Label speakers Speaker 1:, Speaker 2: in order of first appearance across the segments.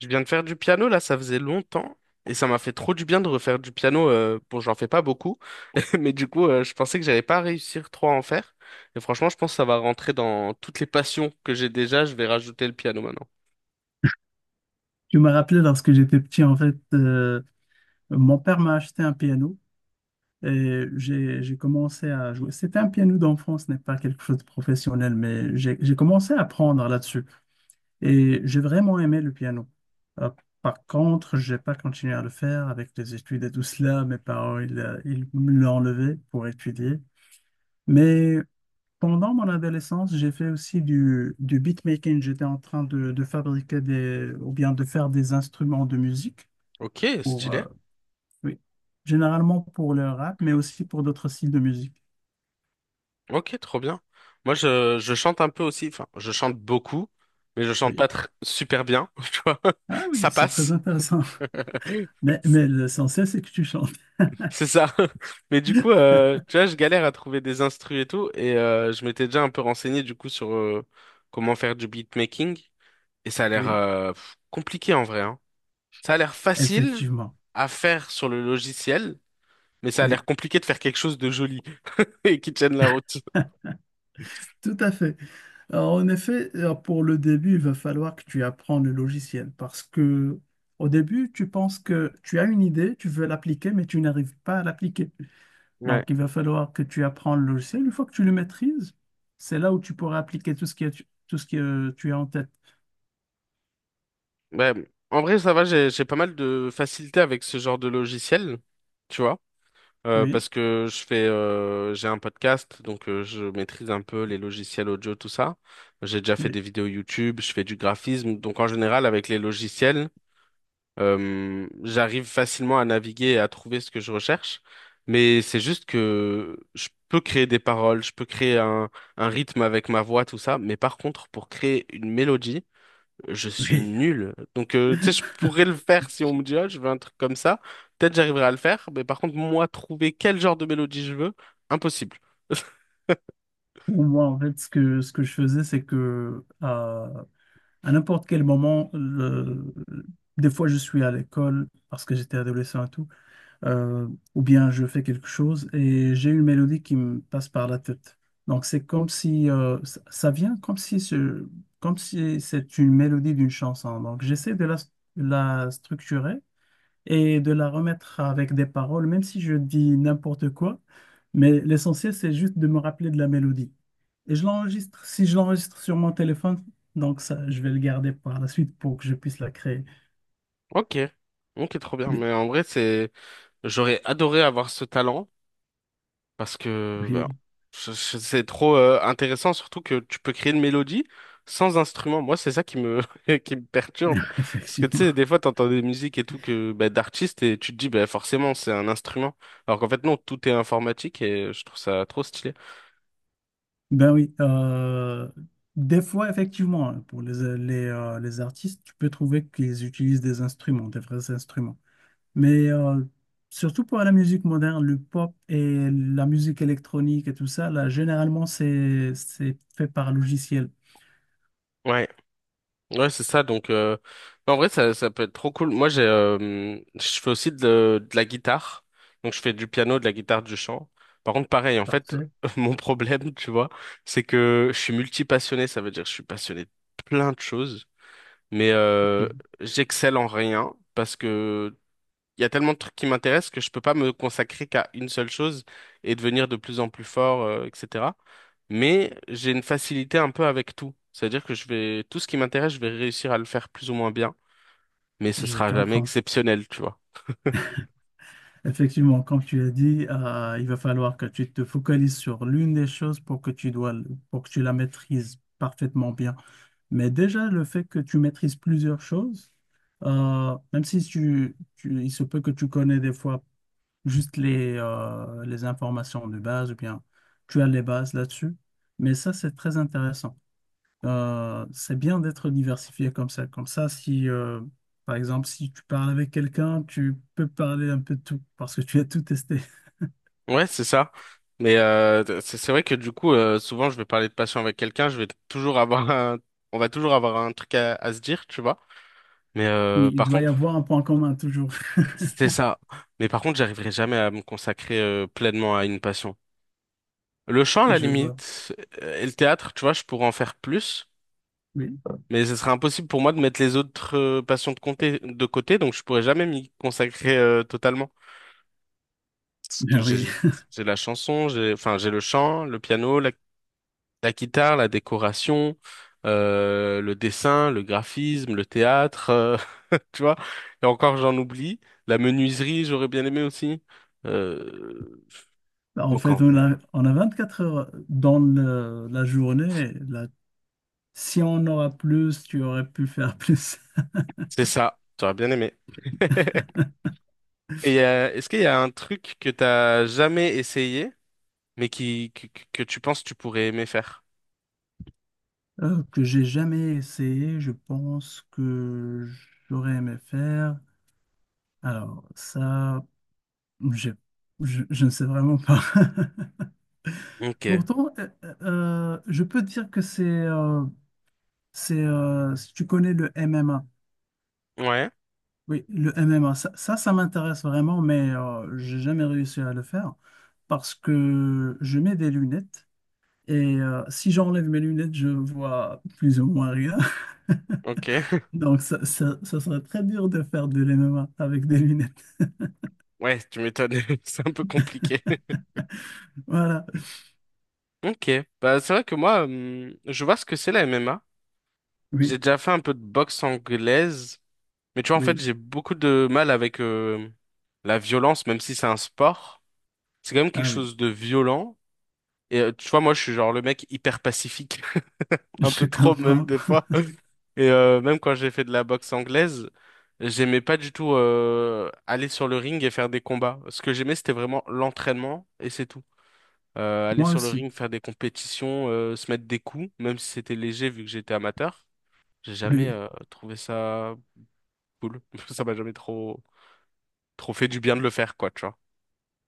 Speaker 1: Je viens de faire du piano, là, ça faisait longtemps. Et ça m'a fait trop du bien de refaire du piano. Bon, j'en fais pas beaucoup. Mais du coup, je pensais que j'allais pas réussir trop à en faire. Et franchement, je pense que ça va rentrer dans toutes les passions que j'ai déjà. Je vais rajouter le piano maintenant.
Speaker 2: Tu m'as rappelé lorsque j'étais petit, en fait, mon père m'a acheté un piano et j'ai commencé à jouer. C'était un piano d'enfant, ce n'est pas quelque chose de professionnel, mais j'ai commencé à apprendre là-dessus et j'ai vraiment aimé le piano. Euh, Par contre, j'ai pas continué à le faire avec les études et tout cela. Mes parents, ils me l'ont enlevé pour étudier. Mais pendant mon adolescence, j'ai fait aussi du beatmaking. J'étais en train de fabriquer des, ou bien de faire des instruments de musique
Speaker 1: Ok,
Speaker 2: pour,
Speaker 1: stylé.
Speaker 2: oui. Généralement pour le rap, mais aussi pour d'autres styles de musique.
Speaker 1: Ok, trop bien. Moi, je chante un peu aussi. Enfin, je chante beaucoup, mais je chante
Speaker 2: Oui.
Speaker 1: pas super bien. Tu vois,
Speaker 2: Ah oui,
Speaker 1: ça
Speaker 2: c'est très
Speaker 1: passe.
Speaker 2: intéressant. Mais l'essentiel, c'est que tu chantes.
Speaker 1: C'est ça. Mais du coup, tu vois, je galère à trouver des instrus et tout, et je m'étais déjà un peu renseigné du coup sur comment faire du beatmaking, et ça a l'air
Speaker 2: Oui,
Speaker 1: pff, compliqué en vrai, hein. Ça a l'air facile
Speaker 2: effectivement.
Speaker 1: à faire sur le logiciel, mais ça a
Speaker 2: Oui,
Speaker 1: l'air compliqué de faire quelque chose de joli et qui tienne la route.
Speaker 2: tout à fait. Alors, en effet, alors, pour le début, il va falloir que tu apprennes le logiciel parce que au début, tu penses que tu as une idée, tu veux l'appliquer, mais tu n'arrives pas à l'appliquer.
Speaker 1: Ouais.
Speaker 2: Donc, il va falloir que tu apprennes le logiciel. Une fois que tu le maîtrises, c'est là où tu pourras appliquer tout ce que tu as en tête.
Speaker 1: Ouais. En vrai, ça va, j'ai pas mal de facilité avec ce genre de logiciel, tu vois.
Speaker 2: Oui,
Speaker 1: Parce que j'ai un podcast, donc je maîtrise un peu les logiciels audio, tout ça. J'ai déjà fait des
Speaker 2: oui,
Speaker 1: vidéos YouTube, je fais du graphisme, donc en général avec les logiciels, j'arrive facilement à naviguer et à trouver ce que je recherche. Mais c'est juste que je peux créer des paroles, je peux créer un rythme avec ma voix, tout ça. Mais par contre, pour créer une mélodie, je suis
Speaker 2: oui.
Speaker 1: nul. Donc, tu sais, je pourrais le faire si on me dit, ah, je veux un truc comme ça. Peut-être j'arriverai à le faire. Mais par contre, moi, trouver quel genre de mélodie je veux, impossible.
Speaker 2: Pour moi, en fait, ce que je faisais, c'est que à n'importe quel moment, des fois je suis à l'école parce que j'étais adolescent et tout, euh, ou bien je fais quelque chose et j'ai une mélodie qui me passe par la tête. Donc c'est comme si ça vient comme si ce, comme si c'est une mélodie d'une chanson. Donc j'essaie la structurer et de la remettre avec des paroles, même si je dis n'importe quoi. Mais l'essentiel, c'est juste de me rappeler de la mélodie. Et je l'enregistre, si je l'enregistre sur mon téléphone, donc ça, je vais le garder par la suite pour que je puisse la créer.
Speaker 1: Ok. Ok, trop bien.
Speaker 2: De-
Speaker 1: Mais en vrai, j'aurais adoré avoir ce talent. Parce que bah,
Speaker 2: Oui,
Speaker 1: c'est trop intéressant, surtout que tu peux créer une mélodie sans instrument. Moi, c'est ça qui me, qui me perturbe. Parce que tu
Speaker 2: effectivement.
Speaker 1: sais, des fois, tu entends des musiques et tout que bah, d'artistes et tu te dis, bah, forcément, c'est un instrument. Alors qu'en fait, non, tout est informatique et je trouve ça trop stylé.
Speaker 2: Ben oui, des fois, effectivement, hein, pour les artistes, tu peux trouver qu'ils utilisent des instruments, des vrais instruments. Mais surtout pour la musique moderne, le pop et la musique électronique et tout ça, là, généralement, c'est fait par logiciel.
Speaker 1: Ouais. Ouais, c'est ça. Donc, en vrai, ça peut être trop cool. Moi, je fais aussi de la guitare. Donc, je fais du piano, de la guitare, du chant. Par contre, pareil, en fait,
Speaker 2: Parfait.
Speaker 1: mon problème, tu vois, c'est que je suis multipassionné. Ça veut dire que je suis passionné de plein de choses, mais
Speaker 2: Puis,
Speaker 1: j'excelle en rien parce que il y a tellement de trucs qui m'intéressent que je peux pas me consacrer qu'à une seule chose et devenir de plus en plus fort, etc mais j'ai une facilité un peu avec tout. C'est-à-dire que je vais, tout ce qui m'intéresse, je vais réussir à le faire plus ou moins bien, mais ce
Speaker 2: je
Speaker 1: sera jamais
Speaker 2: comprends.
Speaker 1: exceptionnel, tu vois.
Speaker 2: Effectivement, comme tu as dit, il va falloir que tu te focalises sur l'une des choses pour que tu la maîtrises parfaitement bien. Mais déjà, le fait que tu maîtrises plusieurs choses, même si il se peut que tu connais des fois juste les informations de base, ou bien tu as les bases là-dessus, mais ça, c'est très intéressant. C'est bien d'être diversifié comme ça. Comme ça, si, par exemple, si tu parles avec quelqu'un, tu peux parler un peu de tout, parce que tu as tout testé.
Speaker 1: Ouais, c'est ça. Mais c'est vrai que du coup, souvent, je vais parler de passion avec quelqu'un, je vais toujours avoir un, on va toujours avoir un truc à se dire, tu vois. Mais
Speaker 2: Oui, il
Speaker 1: par
Speaker 2: doit y
Speaker 1: contre,
Speaker 2: avoir un point commun toujours.
Speaker 1: c'est ça. Mais par contre, j'arriverai jamais à me consacrer pleinement à une passion. Le chant, à la
Speaker 2: Je vois.
Speaker 1: limite, et le théâtre, tu vois, je pourrais en faire plus,
Speaker 2: Oui.
Speaker 1: mais ce serait impossible pour moi de mettre les autres passions de côté, donc je pourrais jamais m'y consacrer totalement. Parce
Speaker 2: Ben
Speaker 1: que
Speaker 2: oui,
Speaker 1: j'ai la chanson, j'ai le chant, le piano, la guitare, la décoration, le dessin, le graphisme, le théâtre, tu vois. Et encore, j'en oublie. La menuiserie, j'aurais bien aimé aussi. Euh,
Speaker 2: en
Speaker 1: donc en
Speaker 2: fait,
Speaker 1: vrai,
Speaker 2: on a 24 heures dans la journée. Là, si on en aura plus, tu aurais pu faire plus.
Speaker 1: c'est ça. J'aurais bien aimé. Et est-ce qu'il y a un truc que t'as jamais essayé, mais que tu penses que tu pourrais aimer faire?
Speaker 2: Que j'ai jamais essayé, je pense que j'aurais aimé faire. Alors, ça, j'ai- je ne sais vraiment pas.
Speaker 1: Ok.
Speaker 2: Pourtant, je peux te dire que c'est, si tu connais le MMA.
Speaker 1: Ouais.
Speaker 2: Oui, le MMA, ça m'intéresse vraiment, mais j'ai jamais réussi à le faire parce que je mets des lunettes et si j'enlève mes lunettes, je vois plus ou moins rien.
Speaker 1: Ok.
Speaker 2: Donc, ça serait très dur de faire de l'MMA avec des lunettes.
Speaker 1: Ouais, tu m'étonnes. C'est un peu compliqué.
Speaker 2: Voilà.
Speaker 1: Ok. Bah c'est vrai que moi, je vois ce que c'est la MMA.
Speaker 2: Oui,
Speaker 1: J'ai déjà fait un peu de boxe anglaise, mais tu vois en fait
Speaker 2: oui.
Speaker 1: j'ai beaucoup de mal avec la violence, même si c'est un sport. C'est quand même quelque
Speaker 2: Ah oui,
Speaker 1: chose de violent. Et tu vois moi je suis genre le mec hyper pacifique. Un peu
Speaker 2: je
Speaker 1: trop même
Speaker 2: comprends.
Speaker 1: des fois. Et même quand j'ai fait de la boxe anglaise, j'aimais pas du tout aller sur le ring et faire des combats. Ce que j'aimais, c'était vraiment l'entraînement et c'est tout. Aller
Speaker 2: Moi
Speaker 1: sur le
Speaker 2: aussi.
Speaker 1: ring, faire des compétitions, se mettre des coups, même si c'était léger vu que j'étais amateur. J'ai jamais
Speaker 2: Oui.
Speaker 1: trouvé ça cool. Ça m'a jamais trop fait du bien de le faire, quoi, tu vois.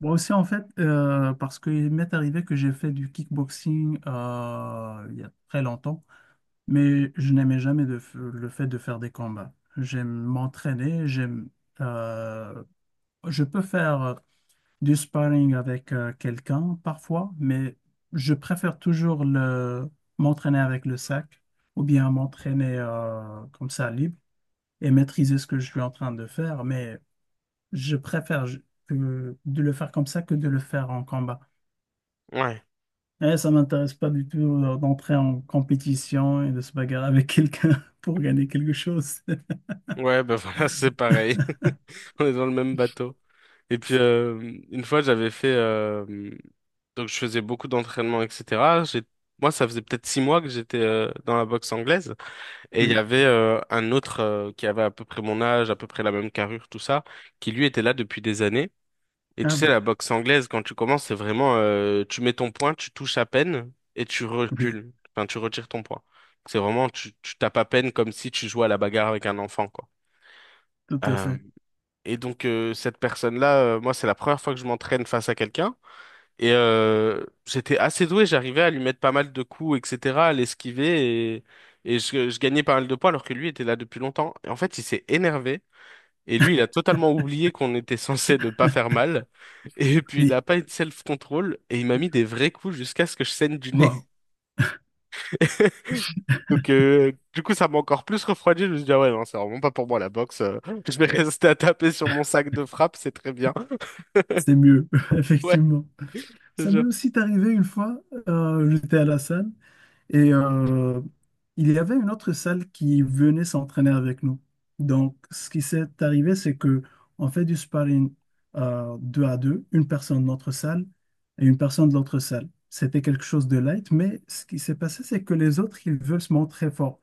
Speaker 2: Moi aussi, en fait, parce qu'il m'est arrivé que j'ai fait du kickboxing il y a très longtemps. Mais je n'aimais jamais le fait de faire des combats. J'aime, euh, je peux faire du sparring avec quelqu'un parfois, mais je préfère toujours m'entraîner avec le sac ou bien m'entraîner comme ça libre et maîtriser ce que je suis en train de faire. Mais je préfère je- que- de le faire comme ça que de le faire en combat.
Speaker 1: Ouais,
Speaker 2: Et ça m'intéresse pas du tout d'entrer en compétition et de se bagarrer avec quelqu'un pour gagner quelque chose.
Speaker 1: ouais, ben voilà, c'est pareil. On est dans le même bateau. Et puis une fois j'avais fait donc je faisais beaucoup d'entraînement etc. J'ai Moi ça faisait peut-être 6 mois que j'étais dans la boxe anglaise et il y
Speaker 2: Oui.
Speaker 1: avait un autre qui avait à peu près mon âge à peu près la même carrure tout ça qui lui était là depuis des années et tu
Speaker 2: Ah
Speaker 1: sais
Speaker 2: oui.
Speaker 1: la boxe anglaise quand tu commences c'est vraiment tu mets ton poing tu touches à peine et tu
Speaker 2: Oui,
Speaker 1: recules enfin tu retires ton poing c'est vraiment tu tapes à peine comme si tu jouais à la bagarre avec un enfant quoi.
Speaker 2: tout à
Speaker 1: Euh,
Speaker 2: fait.
Speaker 1: et donc cette personne-là, moi c'est la première fois que je m'entraîne face à quelqu'un. Et j'étais assez doué, j'arrivais à lui mettre pas mal de coups, etc., à l'esquiver. Et je gagnais pas mal de points alors que lui était là depuis longtemps. Et en fait il s'est énervé. Et lui il a totalement oublié qu'on était censé ne pas faire mal. Et puis il a
Speaker 2: Oui.
Speaker 1: pas eu de self-control. Et il m'a mis des vrais coups jusqu'à ce que je saigne du nez.
Speaker 2: Waouh.
Speaker 1: Donc du coup ça m'a encore plus refroidi. Je me suis dit ah ouais non c'est vraiment pas pour moi la boxe. Je vais rester à taper sur mon sac de frappe, c'est très bien.
Speaker 2: C'est mieux,
Speaker 1: Ouais.
Speaker 2: effectivement.
Speaker 1: Je te
Speaker 2: Ça m'est
Speaker 1: jure.
Speaker 2: aussi arrivé une fois, j'étais à la salle et il y avait une autre salle qui venait s'entraîner avec nous. Donc, ce qui s'est arrivé, c'est que on fait du sparring deux à deux, une personne de notre salle et une personne de l'autre salle. C'était quelque chose de light, mais ce qui s'est passé, c'est que les autres, ils veulent se montrer forts.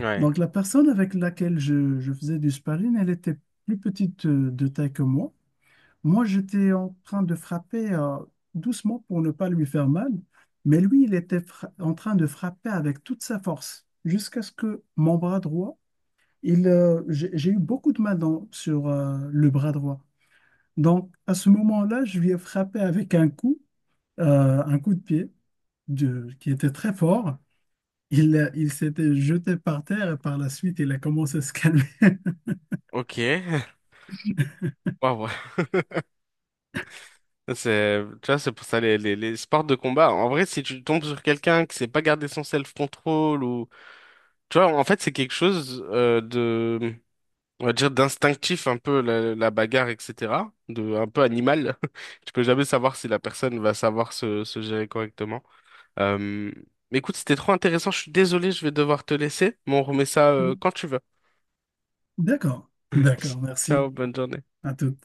Speaker 1: Ouais.
Speaker 2: Donc, la personne avec laquelle je faisais du sparring, elle était plus petite de taille que moi. Moi, j'étais en train de frapper doucement pour ne pas lui faire mal, mais lui, en train de frapper avec toute sa force jusqu'à ce que mon bras droit, j'ai eu beaucoup de mal sur le bras droit. Donc, à ce moment-là, je lui ai frappé avec un coup de pied qui était très fort. Il s'était jeté par terre et par la suite, il a commencé à se calmer.
Speaker 1: Ok. Waouh. C'est, tu vois, c'est pour ça les sports de combat. En vrai, si tu tombes sur quelqu'un qui sait pas garder son self-control ou, tu vois, en fait, c'est quelque chose on va dire d'instinctif un peu la bagarre, etc. De un peu animal. Tu peux jamais savoir si la personne va savoir se gérer correctement. Euh, mais écoute, c'était trop intéressant. Je suis désolé, je vais devoir te laisser, mais on remet ça
Speaker 2: Oui.
Speaker 1: quand tu veux.
Speaker 2: D'accord, d'accord,
Speaker 1: Ciao,
Speaker 2: merci.
Speaker 1: bonne journée.
Speaker 2: À tout.